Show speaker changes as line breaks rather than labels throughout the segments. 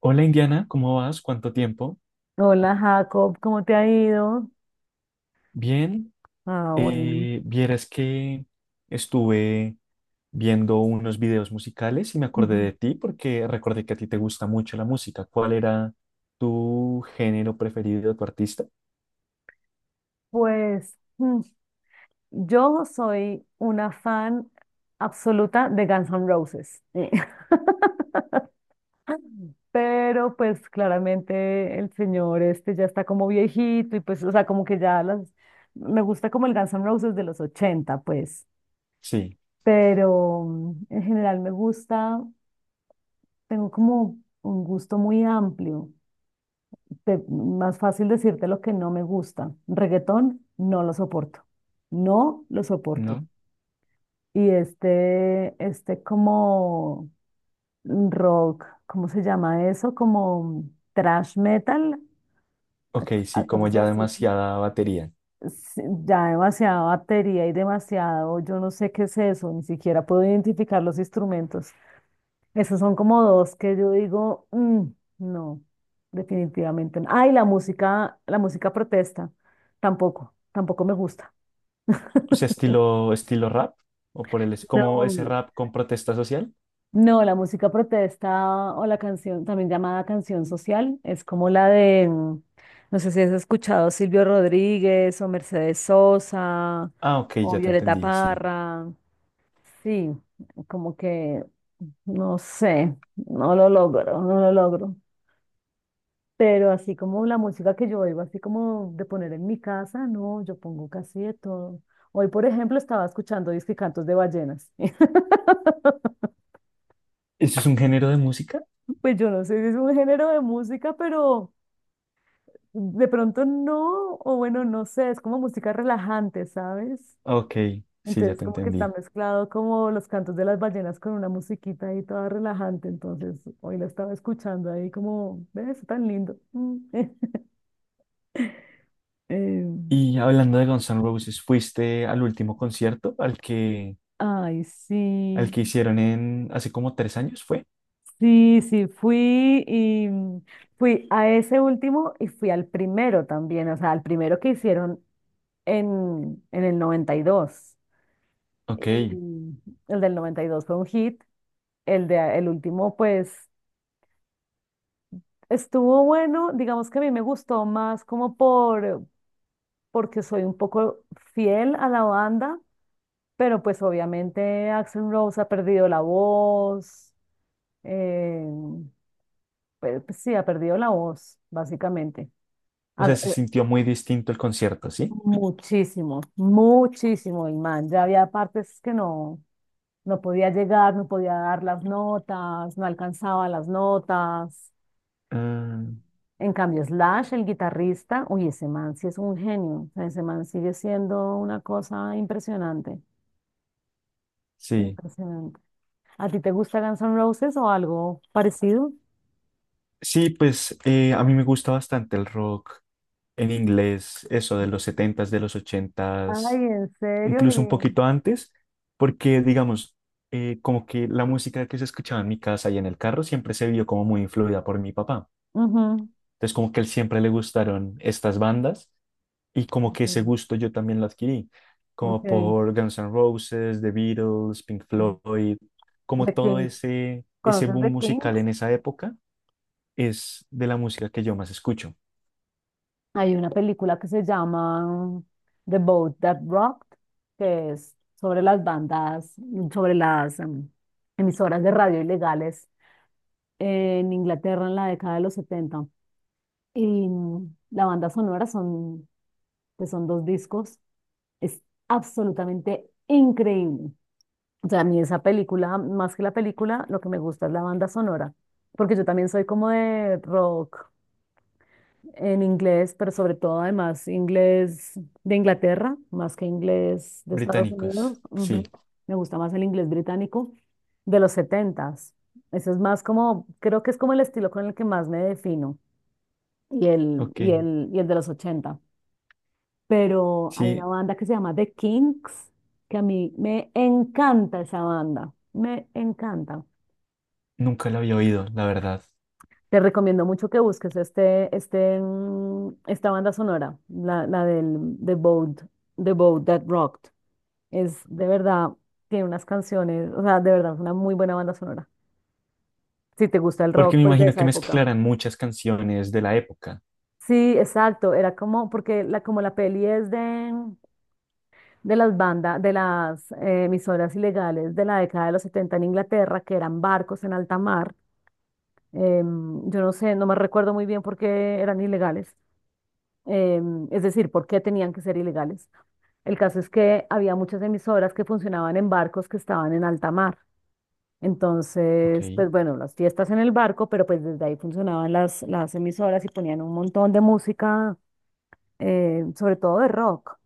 Hola Indiana, ¿cómo vas? ¿Cuánto tiempo?
Hola Jacob, ¿cómo te ha ido?
Bien,
Ah, bueno.
vieras que estuve viendo unos videos musicales y me acordé
Ujú.
de ti porque recordé que a ti te gusta mucho la música. ¿Cuál era tu género preferido, tu artista?
Pues yo soy una fan absoluta de Guns N' Roses. Pero pues claramente el señor este ya está como viejito y pues, o sea, como que ya las. Me gusta como el Guns N' Roses de los 80 pues.
Sí,
Pero en general me gusta, tengo como un gusto muy amplio. Más fácil decirte lo que no me gusta. Reggaetón, no lo soporto. No lo soporto.
¿no?
Y este como rock, ¿cómo se llama eso? Como thrash metal, a,
Ok,
a
sí, como
cosas
ya
así.
demasiada batería.
Sí, ya demasiada batería y demasiado, yo no sé qué es eso, ni siquiera puedo identificar los instrumentos. Esos son como dos que yo digo, "Mm, no, definitivamente no." Ay, la música protesta, tampoco, tampoco me gusta.
O sea, estilo rap es como
No,
ese rap con protesta social.
no, la música protesta o la canción, también llamada canción social, es como la de, no sé si has escuchado Silvio Rodríguez o Mercedes Sosa
Ah, ok,
o
ya te
Violeta
entendí, sí.
Parra. Sí, como que, no sé, no lo logro, no lo logro. Pero así como la música que yo oigo, así como de poner en mi casa, no, yo pongo casi de todo. Hoy, por ejemplo, estaba escuchando disque cantos de ballenas.
¿Eso es un género de música?
Pues yo no sé si es un género de música, pero de pronto no, o bueno, no sé, es como música relajante, ¿sabes?
Ok, sí, ya
Entonces
te
como que está
entendí.
mezclado como los cantos de las ballenas con una musiquita ahí toda relajante, entonces hoy la estaba escuchando ahí como, ¿ves? Tan lindo. Mm. Eh,
Y hablando de Guns N' Roses, ¿fuiste al último concierto
ay,
al
sí.
que hicieron en hace como 3 años, fue?
Sí, sí, fui y fui a ese último y fui al primero también, o sea, al primero que hicieron en el 92.
Ok.
Y el del 92 fue un hit, el de el último pues estuvo bueno, digamos que a mí me gustó más como porque soy un poco fiel a la banda, pero pues obviamente Axl Rose ha perdido la voz, eh, pues sí, ha perdido la voz, básicamente.
O
Ah,
sea, se sintió muy distinto el concierto, ¿sí?
muchísimo, muchísimo, Imán. Ya había partes que no, no podía llegar, no podía dar las notas, no alcanzaba las notas.
Ah,
En cambio, Slash, el guitarrista, uy, ese man sí es un genio. O sea, ese man sigue siendo una cosa impresionante,
sí.
impresionante. ¿A ti te gusta Guns N' Roses o algo parecido?
Sí, pues a mí me gusta bastante el rock en inglés, eso de los setentas, de los
Ay,
ochentas,
en serio,
incluso un
mi.
poquito antes, porque digamos, como que la música que se escuchaba en mi casa y en el carro siempre se vio como muy influida por mi papá.
Ujú,
Entonces, como que a él siempre le gustaron estas bandas. Y como que ese
sí,
gusto yo también lo adquirí, como
ok.
por Guns N' Roses, The Beatles, Pink
Mm.
Floyd, como
The
todo
Kings.
ese
¿Conoces
boom
The
musical
Kings?
en esa época es de la música que yo más escucho.
Hay una película que se llama The Boat That Rocked, que es sobre las bandas, sobre las emisoras de radio ilegales en Inglaterra en la década de los 70. Y la banda sonora son, que son dos discos, es absolutamente increíble. O sea, a mí esa película, más que la película, lo que me gusta es la banda sonora, porque yo también soy como de rock en inglés, pero sobre todo además inglés de Inglaterra, más que inglés de Estados Unidos.
Británicos, sí,
Ujú. Me gusta más el inglés británico de los setentas. Eso es más como, creo que es como el estilo con el que más me defino y el,
ok,
y el, y el de los ochenta. Pero hay una
sí,
banda que se llama The Kinks, que a mí me encanta esa banda, me encanta.
nunca lo había oído, la verdad,
Te recomiendo mucho que busques esta banda sonora, la del The Boat, The Boat That Rocked. Es de verdad, tiene unas canciones, o sea, de verdad es una muy buena banda sonora. Si te gusta el
porque
rock,
me
pues de
imagino
esa
que
época.
mezclaran muchas canciones de la época,
Sí, exacto, era como, porque como la peli es de, las bandas, de las emisoras ilegales de la década de los 70 en Inglaterra, que eran barcos en alta mar. Em, yo no sé, no me recuerdo muy bien por qué eran ilegales, es decir, ¿por qué tenían que ser ilegales? El caso es que había muchas emisoras que funcionaban en barcos que estaban en alta mar.
ok,
Entonces, pues bueno, las fiestas en el barco, pero pues desde ahí funcionaban las emisoras y ponían un montón de música, sobre todo de rock.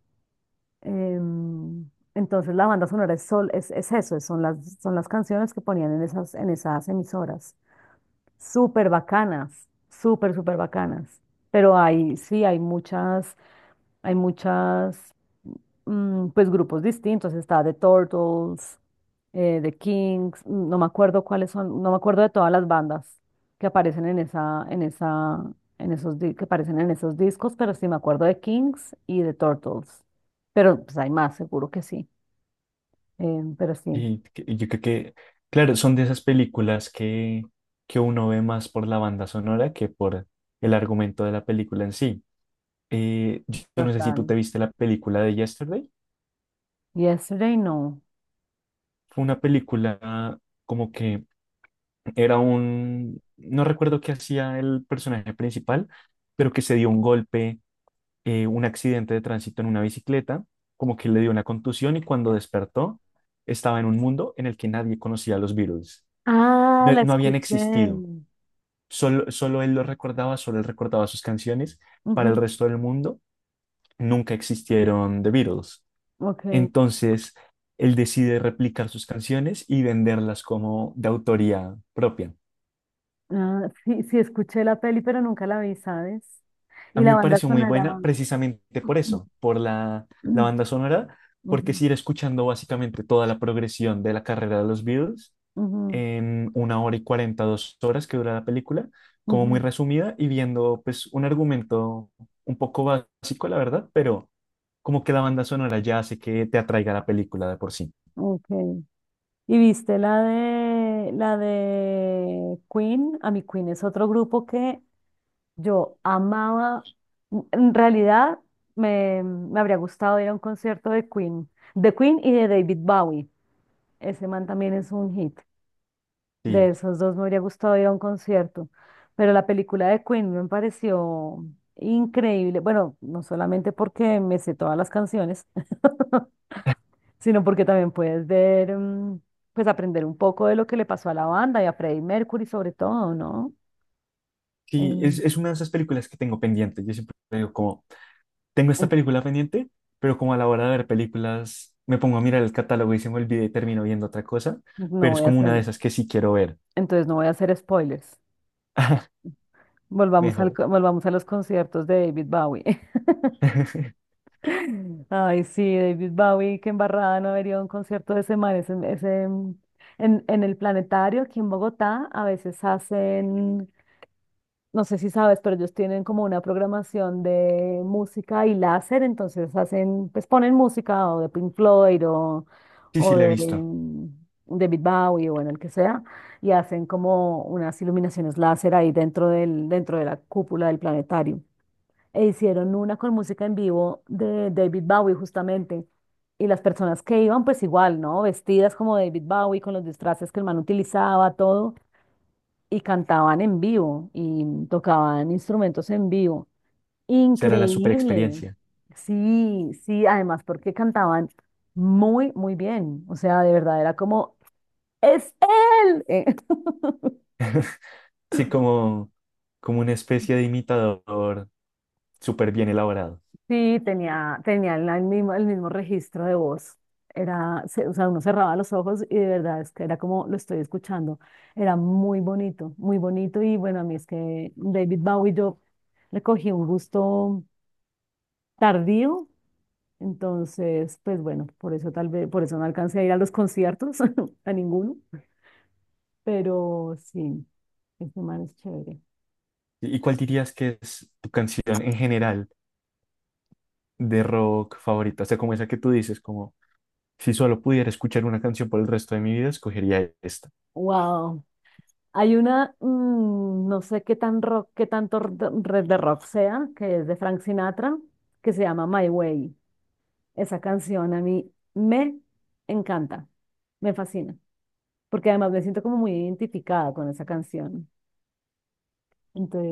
Entonces la banda sonora es, sol, es eso, es- son las canciones que ponían en esas emisoras. Súper bacanas, súper, súper bacanas. Pero hay, sí, hay muchas, pues grupos distintos, está The Turtles, The Kings, no me acuerdo cuáles son, no me acuerdo de todas las bandas que aparecen en esa, en esa, en esos, di- que aparecen en esos discos, pero sí me acuerdo de Kings y The Turtles. Pero pues hay más, seguro que sí. Pero sí,
y yo creo que, claro, son de esas películas que uno ve más por la banda sonora que por el argumento de la película en sí. Yo no sé si tú
total.
te viste la película de Yesterday.
Yesterday, no.
Fue una película como que era un, no recuerdo qué hacía el personaje principal, pero que se dio un golpe, un accidente de tránsito en una bicicleta, como que le dio una contusión y cuando despertó estaba en un mundo en el que nadie conocía a los Beatles.
Ah,
No,
la
no habían existido.
escuché.
Solo él lo recordaba, solo él recordaba sus canciones. Para el
Ujú,
resto del mundo nunca existieron The Beatles.
ok.
Entonces, él decide replicar sus canciones y venderlas como de autoría propia.
Ah, sí, sí, escuché la peli, pero nunca la vi, ¿sabes?
A
Y
mí
la
me
banda
pareció muy
sonará.
buena precisamente por eso, por la banda sonora, porque es
Ujú,
ir escuchando básicamente toda la progresión de la carrera de los Beatles
ujú,
en una hora y 40, 2 horas que dura la película, como muy
ujú.
resumida y viendo pues un argumento un poco básico, la verdad, pero como que la banda sonora ya hace que te atraiga la película de por sí.
Ok. ¿Y viste la de Queen? A mi Queen es otro grupo que yo amaba. En realidad me habría gustado ir a un concierto de Queen y de David Bowie. Ese man también es un hit. De
Sí.
esos dos me habría gustado ir a un concierto, pero la película de Queen me pareció increíble. Bueno, no solamente porque me sé todas las canciones, sino porque también puedes ver, pues aprender un poco de lo que le pasó a la banda y a Freddie Mercury sobre todo, ¿no?
Sí, es,
Eh,
es una de esas películas que tengo pendiente. Yo siempre digo como, tengo esta
en-
película pendiente, pero como a la hora de ver películas me pongo a mirar el catálogo y se me olvida y termino viendo otra cosa,
no
pero es
voy a
como una de
hacer,
esas que sí quiero ver,
entonces no voy a hacer spoilers. Volvamos al,
mejor.
co- volvamos a los conciertos de David Bowie. Ay, sí, David Bowie, qué embarrada no haber ido a un concierto de ese man. En el Planetario, aquí en Bogotá, a veces hacen, no sé si sabes, pero ellos tienen como una programación de música y láser, entonces hacen, pues ponen música o de Pink Floyd o,
Sí,
o
sí, la he
de
visto.
David Bowie o bueno, el que sea, y hacen como unas iluminaciones láser ahí dentro dentro de la cúpula del planetario e hicieron una con música en vivo de David Bowie justamente. Y las personas que iban, pues igual, ¿no? Vestidas como David Bowie, con los disfraces que el man utilizaba, todo, y cantaban en vivo y tocaban instrumentos en vivo.
Será la super
Increíble.
experiencia.
Sí, sí, además porque cantaban muy, muy bien. O sea, de verdad era como, es él.
Sí, como una especie de imitador súper bien elaborado.
Sí, tenía el mismo registro de voz. O sea, uno cerraba los ojos y de verdad es que era como lo estoy escuchando. Era muy bonito, muy bonito. Y bueno, a mí es que David Bowie yo le cogí un gusto tardío. Entonces, pues bueno, por eso tal vez, por eso no alcancé a ir a los conciertos, a ninguno. Pero sí, este man es chévere.
y cuál dirías que es tu canción en general de rock favorita? O sea, como esa que tú dices, como si solo pudiera escuchar una canción por el resto de mi vida, escogería esta.
Wow. Hay no sé qué tan rock, qué tanto red de rock sea, que es de Frank Sinatra, que se llama My Way. Esa canción a mí me encanta, me fascina, porque además me siento como muy identificada con esa canción.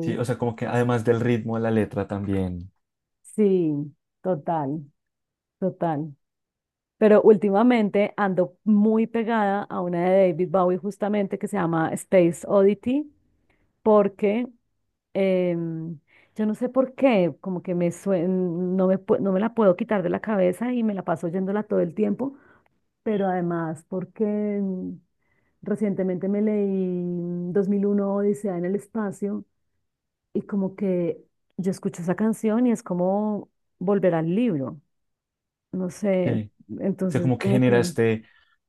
Sí, o sea, como que además del ritmo de la letra también.
sí, total, total. Pero últimamente ando muy pegada a una de David Bowie justamente que se llama Space Oddity, porque em, yo no sé por qué, como que me sue- no me, pu- no me la puedo quitar de la cabeza y me la paso oyéndola todo el tiempo, pero además porque mm, recientemente me leí 2001 Odisea en el espacio y como que yo escucho esa canción y es como volver al libro, no sé,
Sí. O sea,
entonces
como que
como que
generaste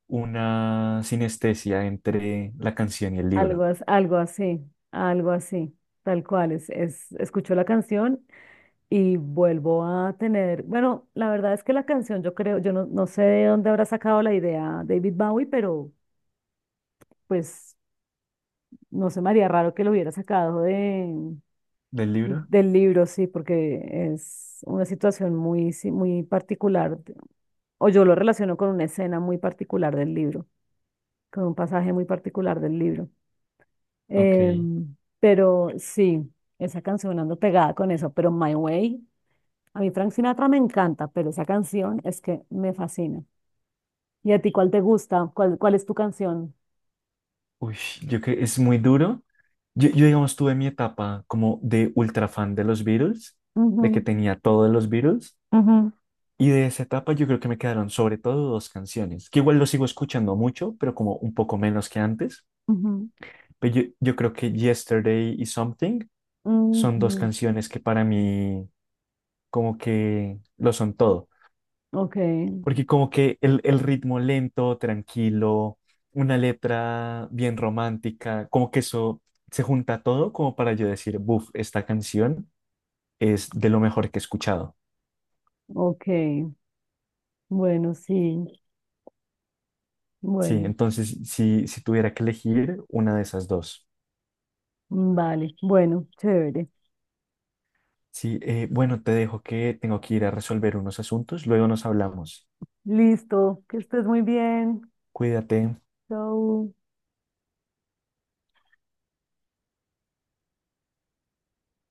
una sinestesia entre la canción y el
algo,
libro.
as- algo así, algo así, tal cual, escucho la canción. Y vuelvo a tener, bueno, la verdad es que la canción, yo creo, yo no sé de dónde habrá sacado la idea David Bowie, pero pues no se me haría raro que lo hubiera sacado
¿Del libro?
del libro, sí, porque es una situación muy, sí, muy particular, o yo lo relaciono con una escena muy particular del libro, con un pasaje muy particular del libro.
Ok.
Pero sí, esa canción ando pegada con eso, pero My Way, a mí Frank Sinatra me encanta, pero esa canción es que me fascina. ¿Y a ti cuál te gusta? ¿Cuál es tu canción?
Uy, yo creo que es muy duro. Yo, digamos, tuve mi etapa como de ultra fan de los Beatles, de que
Ujú,
tenía todo de los Beatles.
ujú,
Y de esa etapa yo creo que me quedaron sobre todo dos canciones, que igual lo sigo escuchando mucho, pero como un poco menos que antes.
ujú.
Pero yo creo que Yesterday y Something son dos
Ujú.
canciones que para mí como que lo son todo.
Ok,
Porque como que el ritmo lento, tranquilo, una letra bien romántica, como que eso se junta todo como para yo decir, buf, esta canción es de lo mejor que he escuchado.
ok. Bueno, sí.
Sí,
Bueno,
entonces si tuviera que elegir una de esas dos.
vale. Bueno, chévere.
Sí, bueno, te dejo que tengo que ir a resolver unos asuntos, luego nos hablamos.
Listo. Que estés muy bien.
Cuídate.
Chau.